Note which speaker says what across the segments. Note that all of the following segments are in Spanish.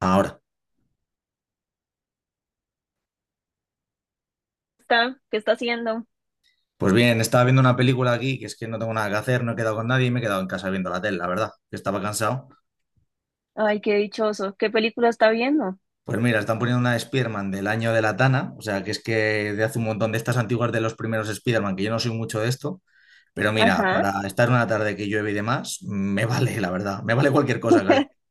Speaker 1: Ahora,
Speaker 2: ¿Está? ¿Qué está haciendo?
Speaker 1: pues bien, estaba viendo una película aquí, que es que no tengo nada que hacer, no he quedado con nadie y me he quedado en casa viendo la tele, la verdad, que estaba cansado.
Speaker 2: Ay, qué dichoso. ¿Qué película está viendo?
Speaker 1: Pues mira, están poniendo una de Spider-Man del año de la Tana, o sea, que es que de hace un montón de estas antiguas de los primeros Spider-Man, que yo no soy mucho de esto, pero mira,
Speaker 2: Ajá.
Speaker 1: para estar una tarde que llueve y demás, me vale, la verdad, me vale cualquier cosa casi.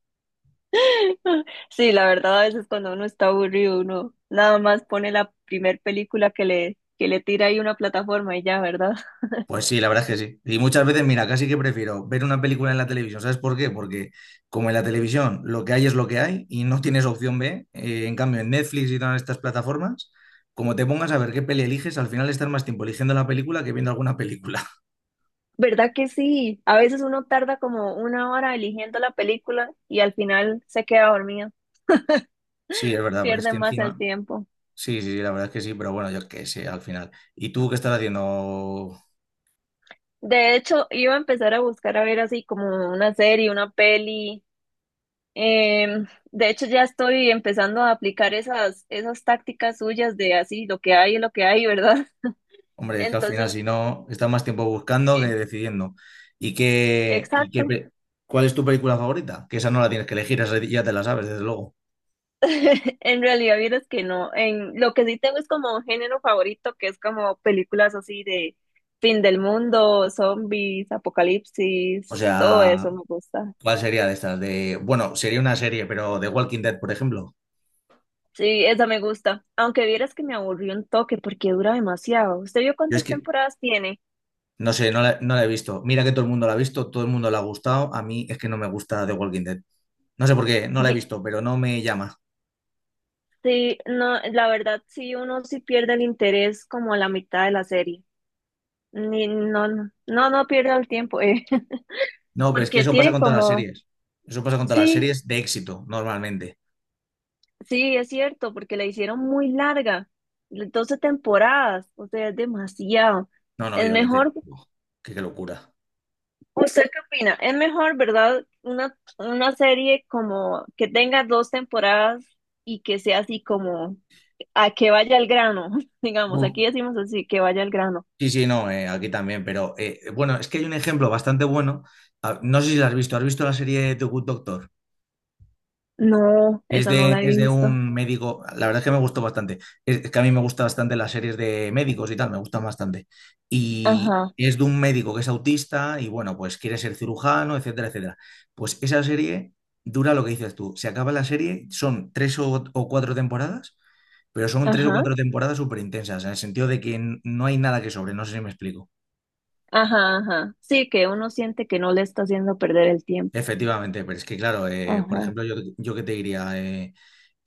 Speaker 2: Sí, la verdad, a veces cuando uno está aburrido, uno nada más pone la primer película que le tira ahí una plataforma y ya, ¿verdad?
Speaker 1: Pues sí, la verdad es que sí. Y muchas veces, mira, casi que prefiero ver una película en la televisión. ¿Sabes por qué? Porque como en la televisión lo que hay es lo que hay y no tienes opción B, en cambio en Netflix y todas estas plataformas, como te pongas a ver qué peli eliges, al final estás más tiempo eligiendo la película que viendo alguna película.
Speaker 2: ¿Verdad que sí? A veces uno tarda como una hora eligiendo la película y al final se queda dormido.
Speaker 1: Sí, es verdad, pero es
Speaker 2: Pierde
Speaker 1: que
Speaker 2: más el
Speaker 1: encima...
Speaker 2: tiempo.
Speaker 1: Sí, sí, sí, la verdad es que sí, pero bueno, yo qué sé, al final. ¿Y tú qué estás haciendo?
Speaker 2: De hecho, iba a empezar a buscar a ver así como una serie, una peli. De hecho, ya estoy empezando a aplicar esas tácticas suyas de así, lo que hay es lo que hay, ¿verdad?
Speaker 1: Hombre, es que al
Speaker 2: Entonces,
Speaker 1: final, si no, estás más tiempo buscando que
Speaker 2: eh,
Speaker 1: decidiendo. ¿Y qué, y qué,
Speaker 2: exacto.
Speaker 1: pe- ¿Cuál es tu película favorita? Que esa no la tienes que elegir, esa ya te la sabes, desde luego.
Speaker 2: En realidad, vieras que no. Lo que sí tengo es como un género favorito, que es como películas así de fin del mundo, zombies,
Speaker 1: O
Speaker 2: apocalipsis, todo
Speaker 1: sea,
Speaker 2: eso me gusta.
Speaker 1: ¿cuál sería de estas? De, bueno, sería una serie, pero de Walking Dead, por ejemplo.
Speaker 2: Sí, esa me gusta. Aunque vieras que me aburrió un toque porque dura demasiado. ¿Usted vio
Speaker 1: Yo es
Speaker 2: cuántas
Speaker 1: que,
Speaker 2: temporadas tiene?
Speaker 1: no sé, no la he visto. Mira que todo el mundo la ha visto, todo el mundo la ha gustado. A mí es que no me gusta The Walking Dead. No sé por qué, no la he visto, pero no me llama.
Speaker 2: Sí, no, la verdad sí, uno sí pierde el interés como a la mitad de la serie. Ni, no, no, no, no pierda el tiempo,
Speaker 1: No, pero es que
Speaker 2: porque
Speaker 1: eso pasa
Speaker 2: tiene
Speaker 1: con todas las
Speaker 2: como,
Speaker 1: series. Eso pasa con todas las
Speaker 2: sí,
Speaker 1: series de éxito, normalmente.
Speaker 2: sí, es cierto, porque la hicieron muy larga, 12 temporadas, o sea, es demasiado.
Speaker 1: No, no,
Speaker 2: Es
Speaker 1: yo, doce.
Speaker 2: mejor,
Speaker 1: Uf, qué locura.
Speaker 2: ¿usted qué opina? Es mejor, ¿verdad? Una serie como que tenga dos temporadas y que sea así como a que vaya al grano, digamos, aquí decimos así, que vaya al grano.
Speaker 1: Sí, sí, no, aquí también, pero bueno, es que hay un ejemplo bastante bueno. Ah, no sé si lo ¿has visto la serie The Good Doctor?
Speaker 2: No, esa no la he
Speaker 1: Es de
Speaker 2: visto.
Speaker 1: un médico, la verdad es que me gustó bastante. Es que a mí me gustan bastante las series de médicos y tal, me gustan bastante. Y
Speaker 2: Ajá,
Speaker 1: es de un médico que es autista y bueno, pues quiere ser cirujano, etcétera, etcétera. Pues esa serie dura lo que dices tú. Se acaba la serie, son o cuatro temporadas, pero son tres o
Speaker 2: ajá,
Speaker 1: cuatro temporadas súper intensas, en el sentido de que no hay nada que sobre, no sé si me explico.
Speaker 2: ajá, ajá. Sí, que uno siente que no le está haciendo perder el tiempo.
Speaker 1: Efectivamente, pero es que claro, por
Speaker 2: Ajá.
Speaker 1: ejemplo, yo qué te diría, eh,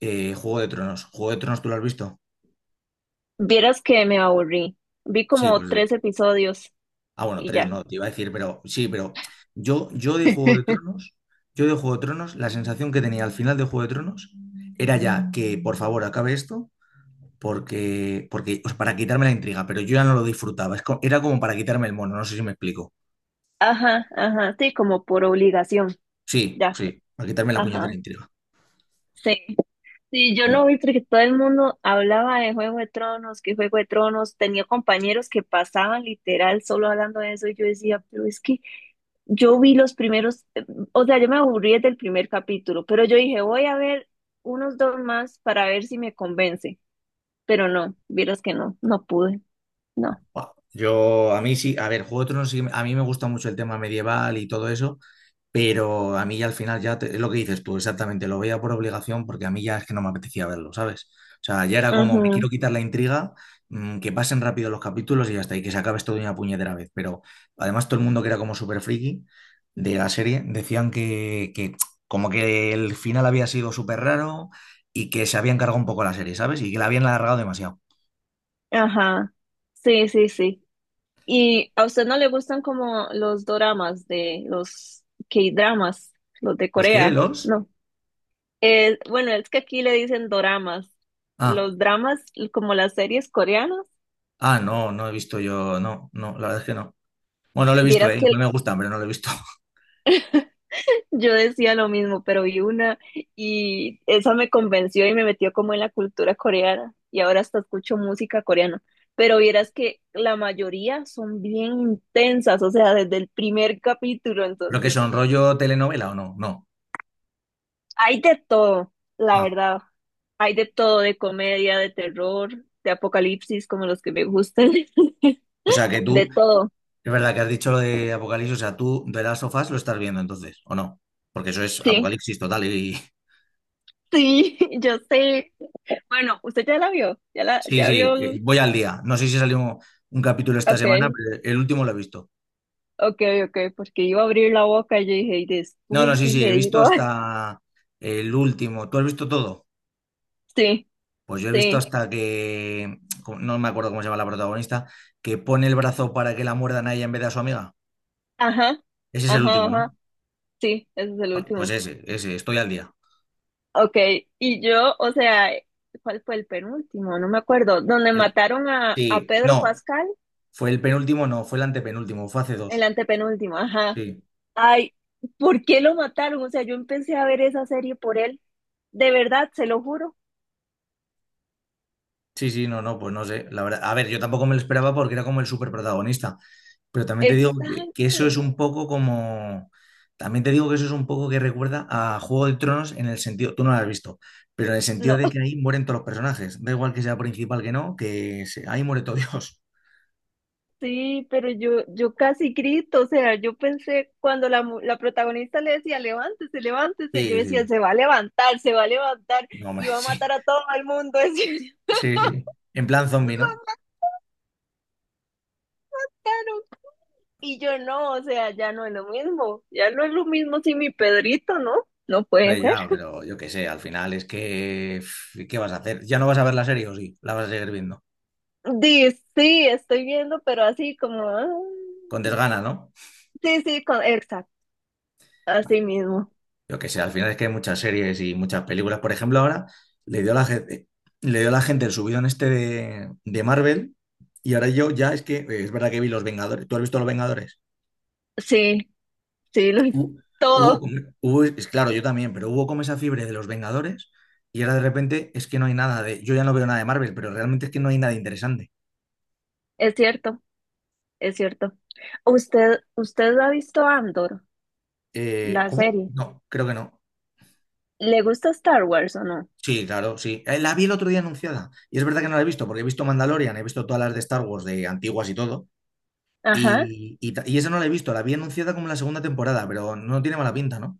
Speaker 1: eh, Juego de Tronos. ¿Juego de Tronos tú lo has visto?
Speaker 2: Vieras que me aburrí. Vi
Speaker 1: Sí,
Speaker 2: como
Speaker 1: pues...
Speaker 2: tres episodios
Speaker 1: ah, bueno,
Speaker 2: y
Speaker 1: tres
Speaker 2: ya.
Speaker 1: no, te iba a decir, pero sí, pero yo de Juego de Tronos, yo de Juego de Tronos, la sensación que tenía al final de Juego de Tronos era ya que, por favor, acabe esto, porque, o sea, para quitarme la intriga, pero yo ya no lo disfrutaba. Es era como para quitarme el mono, no sé si me explico.
Speaker 2: Ajá, ajá. Sí, como por obligación.
Speaker 1: Sí,
Speaker 2: Ya.
Speaker 1: sí, para quitarme la puñetera
Speaker 2: Ajá.
Speaker 1: intriga.
Speaker 2: Sí. Sí, yo
Speaker 1: Pero,
Speaker 2: no vi porque todo el mundo hablaba de Juego de Tronos, que Juego de Tronos, tenía compañeros que pasaban literal solo hablando de eso y yo decía, pero es que yo vi los primeros, o sea, yo me aburrí desde el primer capítulo, pero yo dije, voy a ver unos dos más para ver si me convence, pero no, vieras que no, no pude, no.
Speaker 1: buah, yo, a mí sí, a ver, Juego de Tronos, a mí me gusta mucho el tema medieval y todo eso, pero a mí ya al final es lo que dices tú, exactamente, lo veía por obligación porque a mí ya es que no me apetecía verlo, ¿sabes? O sea, ya era como, me
Speaker 2: Ujú,
Speaker 1: quiero quitar la intriga, que pasen rápido los capítulos y ya está, y que se acabe esto de una puñetera vez. Pero además todo el mundo que era como súper friki de la serie decían que como que el final había sido súper raro y que se había encargado un poco la serie, ¿sabes? Y que la habían alargado demasiado.
Speaker 2: ajá, sí, sí, sí. ¿Y a usted no le gustan como los doramas de los K-dramas, los de
Speaker 1: ¿Los qué?
Speaker 2: Corea?
Speaker 1: ¿Los?
Speaker 2: No. Bueno, es que aquí le dicen doramas.
Speaker 1: Ah.
Speaker 2: Los dramas, como las series coreanas,
Speaker 1: Ah, no, no he visto yo, no, no, la verdad es que no. Bueno, no lo he visto,
Speaker 2: vieras que
Speaker 1: igual me gustan, pero no lo he visto.
Speaker 2: yo decía lo mismo, pero vi una y esa me convenció y me metió como en la cultura coreana y ahora hasta escucho música coreana. Pero vieras que la mayoría son bien intensas, o sea, desde el primer capítulo,
Speaker 1: ¿Lo que
Speaker 2: entonces
Speaker 1: son rollo telenovela o no? No.
Speaker 2: hay de todo, la
Speaker 1: Ah,
Speaker 2: verdad. Hay de todo, de comedia, de terror, de apocalipsis, como los que me gustan,
Speaker 1: o sea que
Speaker 2: de
Speaker 1: tú, es
Speaker 2: todo,
Speaker 1: verdad que has dicho lo de Apocalipsis, o sea, tú de las sofás lo estás viendo entonces, ¿o no? Porque eso es
Speaker 2: sí.
Speaker 1: Apocalipsis total y...
Speaker 2: Sí, yo sé. Bueno, usted ya la vio,
Speaker 1: Sí,
Speaker 2: ya vio.
Speaker 1: sí, voy al día. No sé si salió un capítulo esta
Speaker 2: Ok,
Speaker 1: semana, pero el último lo he visto.
Speaker 2: ok, ok, porque iba a abrir la boca y yo dije, y
Speaker 1: No, no,
Speaker 2: después
Speaker 1: sí,
Speaker 2: sí
Speaker 1: sí, he
Speaker 2: le
Speaker 1: visto
Speaker 2: digo.
Speaker 1: hasta el último. ¿Tú has visto todo?
Speaker 2: Sí,
Speaker 1: Pues yo he visto
Speaker 2: sí,
Speaker 1: hasta que, no me acuerdo cómo se llama la protagonista, que pone el brazo para que la muerdan a ella en vez de a su amiga.
Speaker 2: ajá,
Speaker 1: Ese es el
Speaker 2: ajá,
Speaker 1: último, ¿no?
Speaker 2: ajá, sí, ese es el
Speaker 1: Pues
Speaker 2: último.
Speaker 1: ese, estoy al día.
Speaker 2: Ok, y yo, o sea, ¿cuál fue el penúltimo? No me acuerdo, donde
Speaker 1: El-
Speaker 2: mataron a,
Speaker 1: sí,
Speaker 2: Pedro
Speaker 1: no,
Speaker 2: Pascal,
Speaker 1: fue el penúltimo, no, fue el antepenúltimo, fue hace
Speaker 2: el
Speaker 1: dos.
Speaker 2: antepenúltimo, ajá.
Speaker 1: Sí.
Speaker 2: Ay, ¿por qué lo mataron? O sea, yo empecé a ver esa serie por él, de verdad, se lo juro.
Speaker 1: Sí, sí, no, no, pues no sé. La verdad, a ver, yo tampoco me lo esperaba porque era como el superprotagonista. Pero también te digo que eso es
Speaker 2: Exacto.
Speaker 1: un poco como. También te digo que eso es un poco que recuerda a Juego de Tronos en el sentido, tú no lo has visto, pero en el sentido
Speaker 2: No.
Speaker 1: de que ahí mueren todos los personajes. Da igual que sea principal que no, ahí muere todo Dios.
Speaker 2: Sí, pero yo casi grito, o sea, yo pensé cuando la protagonista le decía, levántese,
Speaker 1: Sí,
Speaker 2: levántese, yo
Speaker 1: sí,
Speaker 2: decía,
Speaker 1: sí.
Speaker 2: se va a levantar, se va a levantar
Speaker 1: No, hombre,
Speaker 2: y va a
Speaker 1: sí.
Speaker 2: matar a todo el mundo. Decía
Speaker 1: Sí, sí. En plan zombie, ¿no?
Speaker 2: "claro". Y yo no, o sea, ya no es lo mismo, ya no es lo mismo sin mi Pedrito, ¿no? No puede
Speaker 1: Hombre,
Speaker 2: ser.
Speaker 1: ya, pero yo qué sé, al final es que. Pff, ¿qué vas a hacer? ¿Ya no vas a ver la serie o sí? La vas a seguir viendo.
Speaker 2: Di, sí, estoy viendo, pero así como,
Speaker 1: Con desgana, ¿no?
Speaker 2: sí, sí, exacto, así mismo.
Speaker 1: Yo que sé, al final es que hay muchas series y muchas películas. Por ejemplo, ahora le dio a la gente, le dio a la gente el subidón este de Marvel y ahora yo ya es que, es verdad que vi Los Vengadores. ¿Tú has visto Los Vengadores?
Speaker 2: Sí, sí,
Speaker 1: Hu-
Speaker 2: todo,
Speaker 1: es claro, yo también, pero hubo como esa fiebre de Los Vengadores y ahora de repente es que no hay nada de, yo ya no veo nada de Marvel, pero realmente es que no hay nada interesante.
Speaker 2: es cierto. Es cierto. ¿Usted ha visto Andor, la
Speaker 1: ¿Cómo?
Speaker 2: serie?
Speaker 1: No, creo que no.
Speaker 2: ¿Le gusta Star Wars o no?
Speaker 1: Sí, claro, sí. La vi el otro día anunciada y es verdad que no la he visto porque he visto Mandalorian, he visto todas las de Star Wars de antiguas y todo.
Speaker 2: Ajá,
Speaker 1: Y esa no la he visto, la vi anunciada como en la segunda temporada, pero no tiene mala pinta, ¿no?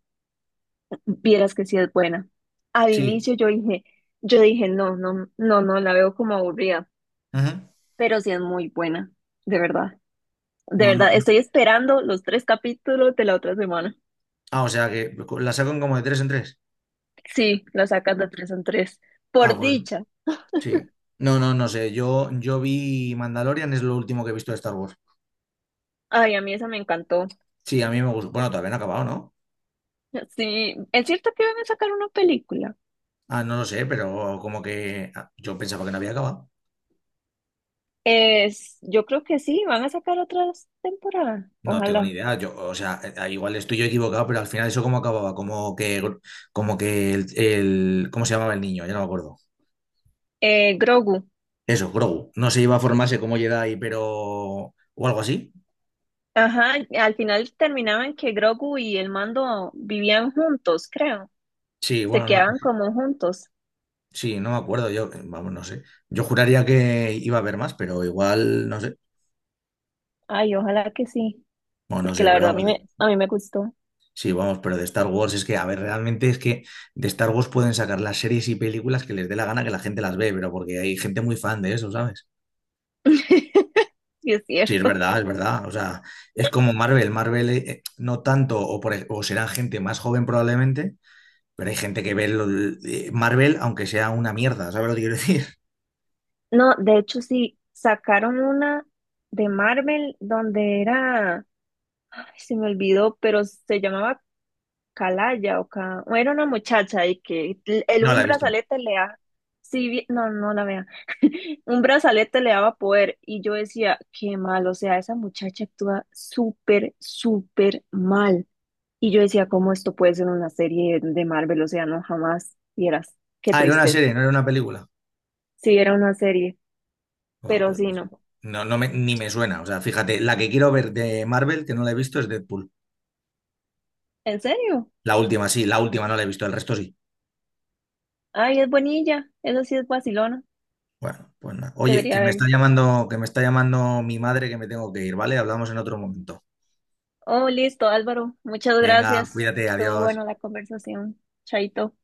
Speaker 2: vieras que sí es buena. Al
Speaker 1: Sí,
Speaker 2: inicio yo dije, no, no, no, no, la veo como aburrida,
Speaker 1: ujú.
Speaker 2: pero sí es muy buena, de verdad. De
Speaker 1: No, no,
Speaker 2: verdad,
Speaker 1: no.
Speaker 2: estoy esperando los tres capítulos de la otra semana.
Speaker 1: Ah, o sea que la sacan como de tres en tres.
Speaker 2: Sí, la sacas de tres en tres.
Speaker 1: Ah,
Speaker 2: Por
Speaker 1: pues
Speaker 2: dicha.
Speaker 1: sí. No, no, no sé. Yo vi Mandalorian, es lo último que he visto de Star Wars.
Speaker 2: Ay, a mí esa me encantó.
Speaker 1: Sí, a mí me gustó. Bueno, todavía no ha acabado, ¿no?
Speaker 2: Sí, es cierto que van a sacar una película.
Speaker 1: Ah, no lo sé, pero como que ah, yo pensaba que no había acabado.
Speaker 2: Yo creo que sí, van a sacar otra temporada,
Speaker 1: No tengo ni
Speaker 2: ojalá.
Speaker 1: idea. Yo, o sea, igual estoy yo equivocado, pero al final eso cómo acababa, como que ¿cómo se llamaba el niño? Ya no me acuerdo.
Speaker 2: Grogu,
Speaker 1: Eso, Grogu. No se iba a formarse como Jedi, pero... o algo así.
Speaker 2: ajá, al final terminaban que Grogu y el mando vivían juntos, creo.
Speaker 1: Sí,
Speaker 2: Se
Speaker 1: bueno, no,
Speaker 2: quedaban como juntos.
Speaker 1: sí, no me acuerdo. Yo, vamos, no sé. Yo juraría que iba a haber más, pero igual, no sé.
Speaker 2: Ay, ojalá que sí,
Speaker 1: Bueno, no
Speaker 2: porque
Speaker 1: sé,
Speaker 2: la
Speaker 1: pero
Speaker 2: verdad a
Speaker 1: vamos.
Speaker 2: mí me, gustó.
Speaker 1: Sí, vamos, pero de Star Wars es que, a ver, realmente es que de Star Wars pueden sacar las series y películas que les dé la gana que la gente las ve, pero porque hay gente muy fan de eso, ¿sabes?
Speaker 2: Sí, es
Speaker 1: Sí, es
Speaker 2: cierto.
Speaker 1: verdad, es verdad. O sea, es como Marvel. Marvel no tanto, o será gente más joven probablemente. Pero hay gente que ve Marvel, aunque sea una mierda, ¿sabes lo que quiero decir?
Speaker 2: No, de hecho sí, sacaron una de Marvel donde era, ay, se me olvidó, pero se llamaba Calaya o Ca... o Era una muchacha y que
Speaker 1: No
Speaker 2: un
Speaker 1: la he visto.
Speaker 2: brazalete le da... Sí, no, no la vea. Un brazalete le daba poder y yo decía, qué mal, o sea, esa muchacha actúa súper, súper mal. Y yo decía, ¿cómo esto puede ser una serie de Marvel? O sea, no, jamás vieras. Qué
Speaker 1: Ah, era una serie,
Speaker 2: tristeza.
Speaker 1: no era una película.
Speaker 2: Sí, era una serie,
Speaker 1: Ah,
Speaker 2: pero
Speaker 1: pues
Speaker 2: sí,
Speaker 1: no sé.
Speaker 2: no.
Speaker 1: Ni me suena. O sea, fíjate, la que quiero ver de Marvel, que no la he visto, es Deadpool.
Speaker 2: ¿En serio?
Speaker 1: La última, sí, la última no la he visto, el resto sí.
Speaker 2: Ay, es bonilla, eso sí es vacilona.
Speaker 1: Bueno, pues nada. Oye,
Speaker 2: Debería verla.
Speaker 1: que me está llamando mi madre que me tengo que ir, ¿vale? Hablamos en otro momento.
Speaker 2: Oh, listo, Álvaro. Muchas
Speaker 1: Venga,
Speaker 2: gracias.
Speaker 1: cuídate,
Speaker 2: Estuvo
Speaker 1: adiós.
Speaker 2: bueno la conversación. Chaito.